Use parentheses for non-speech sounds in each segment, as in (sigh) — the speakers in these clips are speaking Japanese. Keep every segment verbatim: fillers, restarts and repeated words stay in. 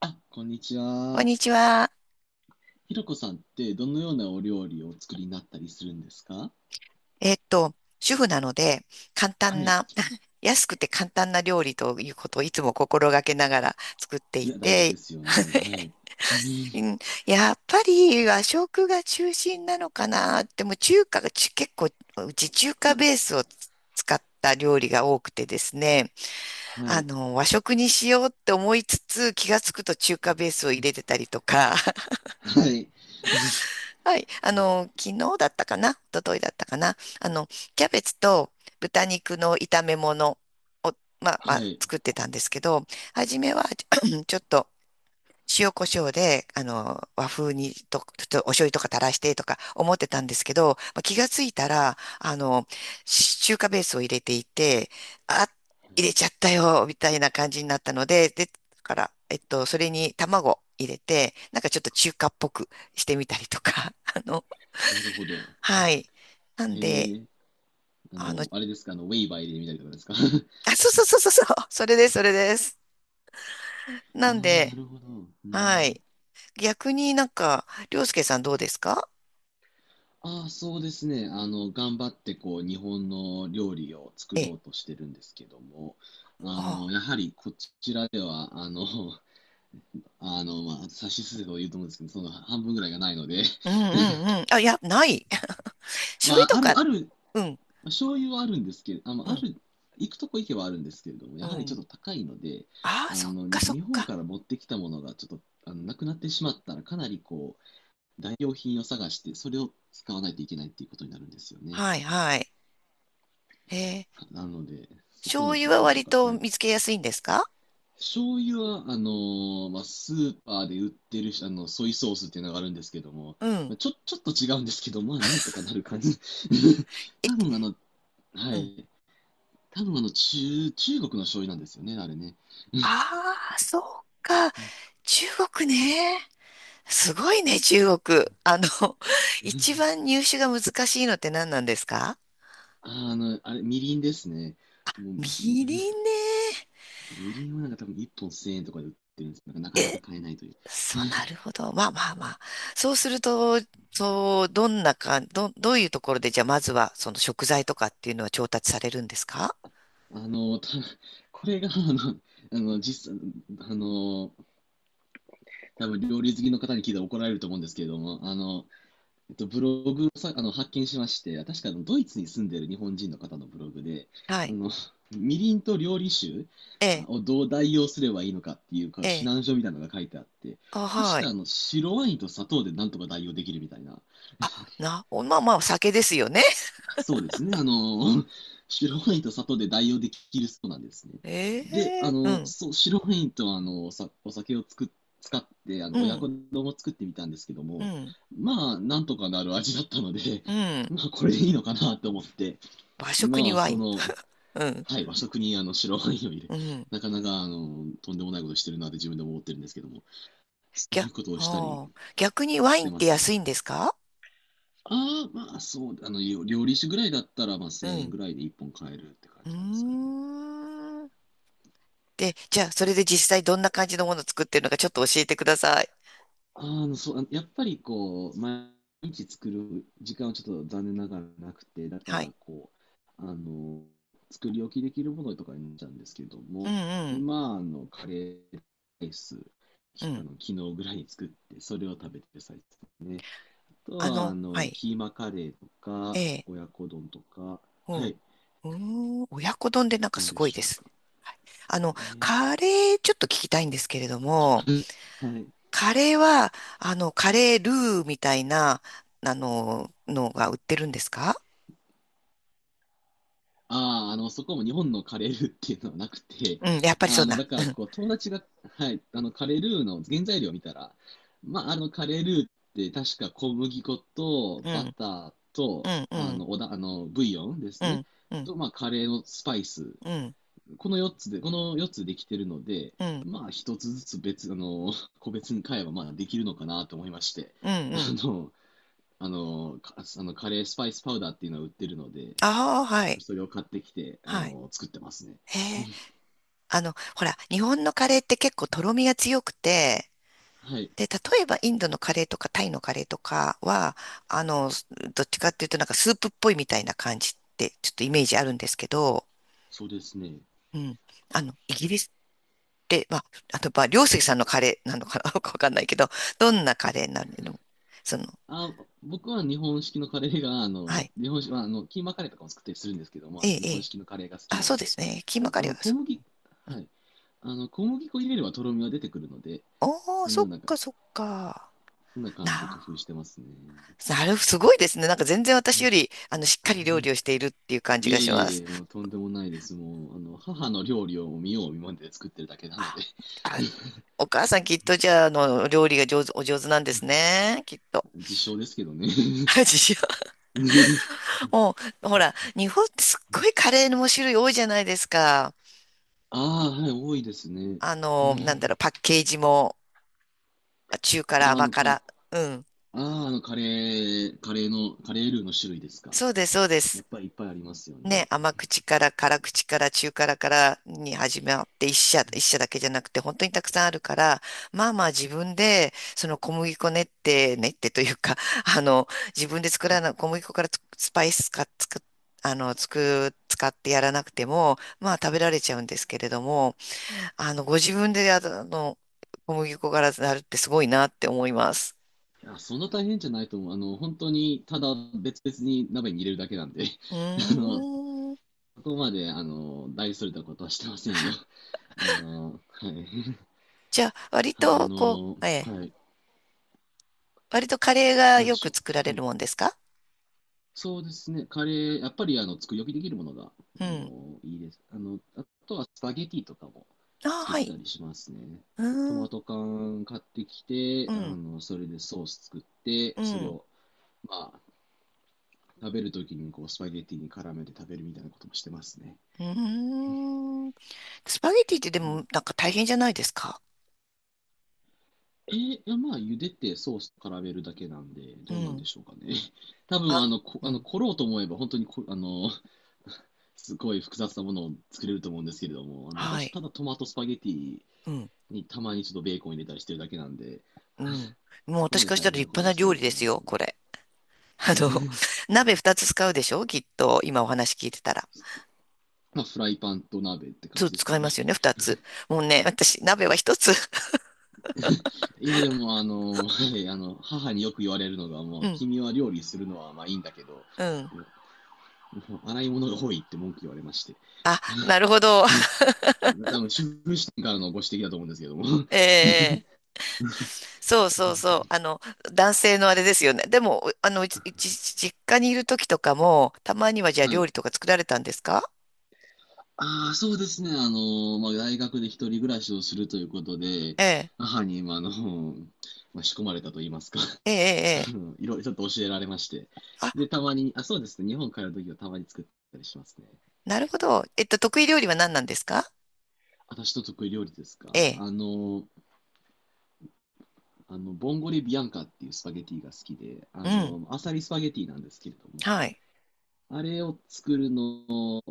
あ、こんにちこんは。にちは。ひろこさんってどのようなお料理をお作りになったりするんですか？えーっと、主婦なので、簡は単い。な、(laughs) 安くて簡単な料理ということをいつも心がけながら作っていいや、大事て、ですよね。はい。(laughs) ううん。ん、やっぱり和食が中心なのかな。でも中華がち結構、うち中華ベースを使った料理が多くてですね、はあい。の、和食にしようって思いつつ、気がつくと中華ベースを入れてたりとか、はい。はい。あの、昨日だったかな一昨日だったかなあの、キャベツと豚肉の炒め物、まあ、まはあ、い。作ってたんですけど、初めは (clears throat) ちょっと塩コショウで、あの、和風にと、ちょっとお醤油とか垂らしてとか思ってたんですけど、まあ、気がついたら、あの、し中華ベースを入れていて、あ、は入い。れちゃったよ、みたいな感じになったので、で、だから、えっと、それに卵入れて、なんかちょっと中華っぽくしてみたりとか、(laughs) あの、なるほど。はい。なへんで、え。ああの、の、(laughs) あれですか、あの、ウェイバー入れてみたいなことかですか？ あ、そうそうそうそうそう、(laughs) それです、それです。(laughs) あなんあ、なで、るほど。うはん。い。逆になんか、りょうすけさんどうですか？ああ、そうですね。あの、頑張ってこう、日本の料理を作えろえ。うとしてるんですけども、あの、あ、やはりこちらでは、あの、あの、まあ、差しすせば言うと思うんですけど、その半分ぐらいがないので、うんうんうん。あ、いや、ない。(laughs) (laughs) 醤ま油あ、とあか、る、ある、うん、醤油はあるんですけど、あの、うあん、る、行くとこ行けばあるんですけれども、うやはりちょん。っと高いので、ああ、あそっの、かそっ日本か。から持ってきたものがちょっと、あの、なくなってしまったら、かなりこう、代用品を探して、それを使わないといけないっていうことになるんですよね。はいはい。ええ、なので、そこの醤油工は夫と割か、とはい、見つけやすいんですか？醤油は、あのーまあ、スーパーで売ってるあのソイソースっていうのがあるんですけども、うん。まあ、ちょ、ちょっと違うんですけど、まあ、なんとかなる感じ。(laughs) え、多分あの、はうん。い。多分あの、中、中国の醤油なんですよね、あれね。ああ、そっか。う中国ね。すごいね、中国。あの、(laughs) ん。一番入手が難しいのって何なんですか？あー、あの、あれ、みりんですね。もう、みみ りんね。(laughs) みりんはなんか多分いっぽんせんえんとかで売ってるんですけど、なんかなかなえ、か買えないという。そう、なるほど。まあまあまあ。そうすると、そう、どんなか、ど、どういうところで、じゃあまずは、その食材とかっていうのは調達されるんですか？あの、た、これが、あの、あの、実際、あの、多分料理好きの方に聞いたら怒られると思うんですけれども、あの、えっと、ブログをさあの発見しまして、確かあのドイツに住んでいる日本人の方のブログで、はあい。の、 (laughs) みりんと料理酒ええ、をどう代用すればいいのかっていうかえ指え、南書みたいなのが書いてあって、あ、確はかい。あの白ワインと砂糖でなんとか代用できるみたいな。あ、な、おまあまあ、お酒ですよね。そうですね。あの、(laughs) 白ワインと砂糖で代用できるそうなんですね。(laughs) えで、あえ、うの、ん、そう、白ワインとあの、さ、お酒をつく、使って、あうの、親ん、子丼を作ってみたんですけどうも、ん、まあ、なんとかなる味だったので、う (laughs) ん。まあ、これでいいのかなと思って、和食今にはワイそン。の、うん、はい、和食にあの、白ワインを入れ、うん。なかなか、あの、とんでもないことしてるなって自分でも思ってるんですけども、そうぎいゃ、うことをしたりああ、逆にワしイてンっまてす安ね。いんですか？ああ、まあそう、あの、料料理酒ぐらいだったら、まあうせんえんん。ぐらいでいっぽん買えるって感うーじなんですかね。ん。で、じゃあ、それで実際どんな感じのものを作ってるのかちょっと教えてください。ああ、そう、やっぱりこう、毎日作る時間はちょっと残念ながらなくて、だかはい。らこう、あの、作り置きできるものとかになっちゃうんですけどうんも、うん。今、あの、カレーライス、うきあん。の、昨日ぐらいに作って、それを食べてる最中ですね。あとあは、あの、はの、い。キーマカレーとえか、え。親子丼とか、うん。はうい、ーん。親子丼でなんかなんすでごいしでょうす。か。あの、えー。 カレーちょっと聞きたいんですけれども、(laughs) はい。カレーは、あの、カレールーみたいな、あの、のが売ってるんですか？ああ、あの、そこも日本のカレールーっていうのはなくて、うん。やっぱりそあうの、な。だかうら、ん。こう、友達が、はい、あの、カレールーの原材料を見たら、まあ、あの、カレールーって確か小麦粉とうバん。ターうと、あん。の、おだ、あの、ブイヨンでうすね。ん。うん。と、まあ、カレーのスパイス。うん。うん。このよっつで、このよっつできてるので、うん。まあ、1つずつ別、あの、個別に買えば、まあ、できるのかなと思いまして、うんあうん。の、あの、かあのカレースパイスパウダーっていうのは売ってるので、ああ、はい。それを買ってきて、あはい。の、作ってますね。へえ。(laughs) あの、ほら、日本のカレーって結構とろみが強くて、はい、で、例えばインドのカレーとかタイのカレーとかは、あの、どっちかっていうとなんかスープっぽいみたいな感じってちょっとイメージあるんですけど、そうですね。うん。あの、イギリスって、まあ、あと、まあ、両関さんのカレーなのかな (laughs) よくわかんないけど、どんなカレーになるの？その、あ、僕は日本式のカレーが、あはの、い。日本式、まああの、キーマカレーとかも作ったりするんですけども、えあの、え、日え本え。式のカレーが好きあ、なそうのでで、すね。キーたマだ、カあレーの、は小そ麦、う。うはん。い。あの、小麦粉入れればとろみは出てくるので、おー、そのそっようなか、かそっか。そんな感じで工な夫してますね。なる、すごいですね。なんか全然私より、あの、しっかり料理をしているっていう感じいえがしいえまいす。え、もうとんでもないです。もう、あの、母の料理を見よう見まねで作ってるだけなので、あ、あ、お母さんきっとじゃあ、あの、料理が上手、お上手なんですね。きっと。(laughs) 実証ですけどね。(laughs) 自信 (laughs) もう、ほら、日本ってすっごいカレーの種類多いじゃないですか。ああ、はい、多いですね。あの、なんだろう、パ (laughs) ッケージも、中辛、甘あの辛。か、うん。あー、あのカレー、カレーの、カレールーの種類ですか。そうです、そうでやす。っぱりいっぱいありますよね、ね。甘口から辛口から中辛からに始まって一社、一社だけじゃなくて本当にたくさんあるから、まあまあ自分でその小麦粉練って練ってというか、(laughs) あの、自分で作らない小麦粉からつスパイスかつく、あの、つく、使ってやらなくても、まあ食べられちゃうんですけれども、あの、ご自分であの、小麦粉からなるってすごいなって思います。いや、そんな大変じゃないと思う。あの、本当に、ただ別々に鍋に入れるだけなんで、う (laughs) あの、ーん。そこまで、あの、大それたことはしてませんよ。あの、はい。じゃあ、割 (laughs) ああとこの、う、ええ、はい。割とカレーがなんでよしくょ作らう。れはい。るもんですか？そうですね、カレー、やっぱりあの作り置きできるものがうあん。のいいです、あの。あとはスパゲティとかもああ、作っはたい。りしますね。うトーん、マト缶買ってきて、うあん、のそれでソース作って、うそれん、を、まあ、食べるときにこうスパゲティに絡めて食べるみたいなこともしてますね。うーん。スパゲティってでもなんか大変じゃないですか。えーいやまあ、茹でてソースと絡めるだけなんで、うどうなんでん。しょうかね。(laughs) 多あ分、あの、の、こ、うあの、ん。凝ろうと思えば、本当にこ、あの、(laughs) すごい複雑なものを作れると思うんですけれども、あの、は私、い。ただトマトスパゲティうん、にたまにちょっとベーコン入れたりしてるだけなんで、うん。もうそこ私までからした大ら変な立こ派となはして料ない理でかなすとよ、思いこまれ。(laughs) あの、(laughs) 鍋二つ使うでしょきっと、今お話聞いてたら。す。まあ、フライパンと鍋って感そう、じです使かいますね。よね、二つ。もうね、私、鍋は一つ。いや、でも、あの、(laughs) はい、あの、母によく言われるのが、(laughs) もうう、ん、君は料理するのはまあいいんだけど、もうん。うもう洗い物が多いって文句言われまして。あ、なるほど。多分、主婦視点からのご指摘だと思うんですけども。(laughs) (laughs) ええ、そうそうそう。あの、男性のあれですよね。でも、あの、うち実家にいる時とかも、たまにはじゃあは料い。理とか作られたんですか？ああ、そうですね。あの、まあ、大学で一人暮らしをするということで、ええ、母に、まあ、あの、まあ、仕込まれたと言いますか。(laughs) ええ、えあえ。ええ、のいろいろちょっと教えられまして。で、あ、たまに、あ、そうですね。日本帰るときはたまに作ったりしますね。なるほど。えっと、得意料理は何なんですか？私の得意料理ですえか。え、あの、あの、ボンゴレビアンカっていうスパゲティが好きで、うあん、の、アサリスパゲティなんですけれども、はい。あれを作るの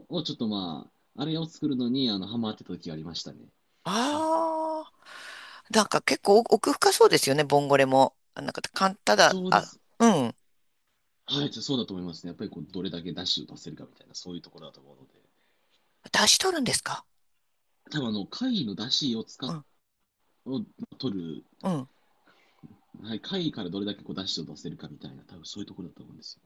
を、ちょっとまあ、あれを作るのに、あの、ハマってた時がありましたね。ああ、なんか結構奥深そうですよね、ボンゴレも。あなんか、かん、ただ、そうであ、す。うん。はい、そうだと思いますね。やっぱりこうどれだけ出汁を出せるかみたいな、そういうところだと思うので。出し取るんですか？多分あの、貝の出汁を使うっ、ん、を取る、うん。はい、貝からどれだけこう出汁を出せるかみたいな、多分そういうところだと思うんですよ。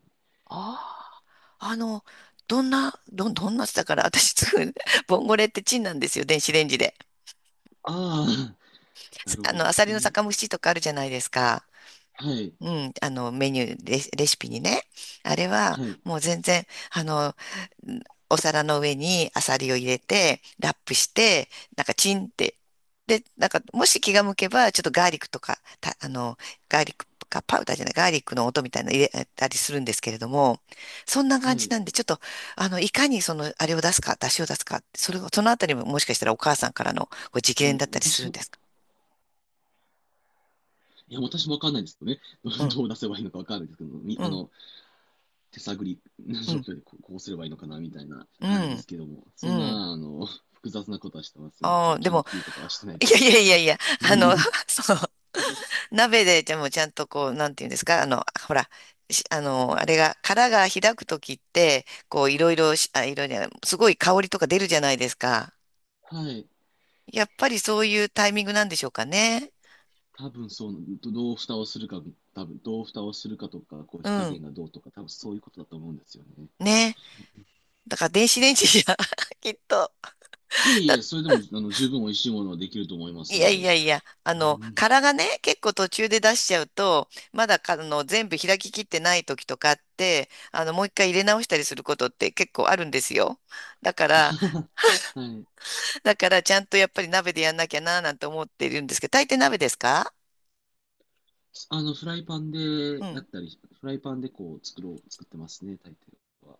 ああ、あの、どんな、どん、どんなだから、私作る、(laughs) すボンゴレってチンなんですよ、電子レンジで。あ、あ、なるあほの、ど。アサえリのー。酒蒸しとかあるじゃないですか。はい、うん、あの、メニュー、レシ、レシピにね。あれは、はい、もう全然、あの、んお皿の上にアサリを入れて、ラップして、なんかチンって。で、なんか、もし気が向けば、ちょっとガーリックとか、た、あの、ガーリックかパウダーじゃない、ガーリックの音みたいなの入れたりするんですけれども、そんなは感じい。なんで、ちょっと、あの、いかにその、あれを出すか、出汁を出すか、それを、そのあたりももしかしたらお母さんからのご直いや、伝だったりす私るんも、ですか？いや、私もわかんないんですけどね。う (laughs) ん、どう出せばいいのかわかんないですけど、みうあん。の、手探りのう状ん、況でこう、こうすればいいのかなみたいなう感じでん、すけども、うそんん。な、あの、複雑なことはしてませんね。そあのあ、で研も、究とかはしてない (laughs) でいすやけいどやも。いやいや、(laughs) あうの、ん。 (laughs) そう、鍋ででもちゃんとこう、なんていうんですか、あの、ほら、しあの、あれが、殻が開くときって、こう、いろいろし、あ、いろいろじゃない、すごい香りとか出るじゃないですか。はい。やっぱりそういうタイミングなんでしょうかね。多分そう、どどう蓋をするか、多分どう蓋をするかとか、こうう火加ん、減がどうとか、多分そういうことだと思うんですよね。ね。だから電子レンジじゃ、(laughs) きっと。いえいえ、それでもあの十分美味しいものはできると思いますいのやいで。やいや、あうの、ん。 殻がね、結構途中で出しちゃうと、まだか、あの、全部開ききってない時とかあって、あの、もう一回入れ直したりすることって結構あるんですよ。だから、(laughs) はい。だからちゃんとやっぱり鍋でやんなきゃな、なんて思っているんですけど、大抵鍋ですか？あの、フライパンうでやっん。たり、フライパンでこう作ろう、作ってますね、大抵は。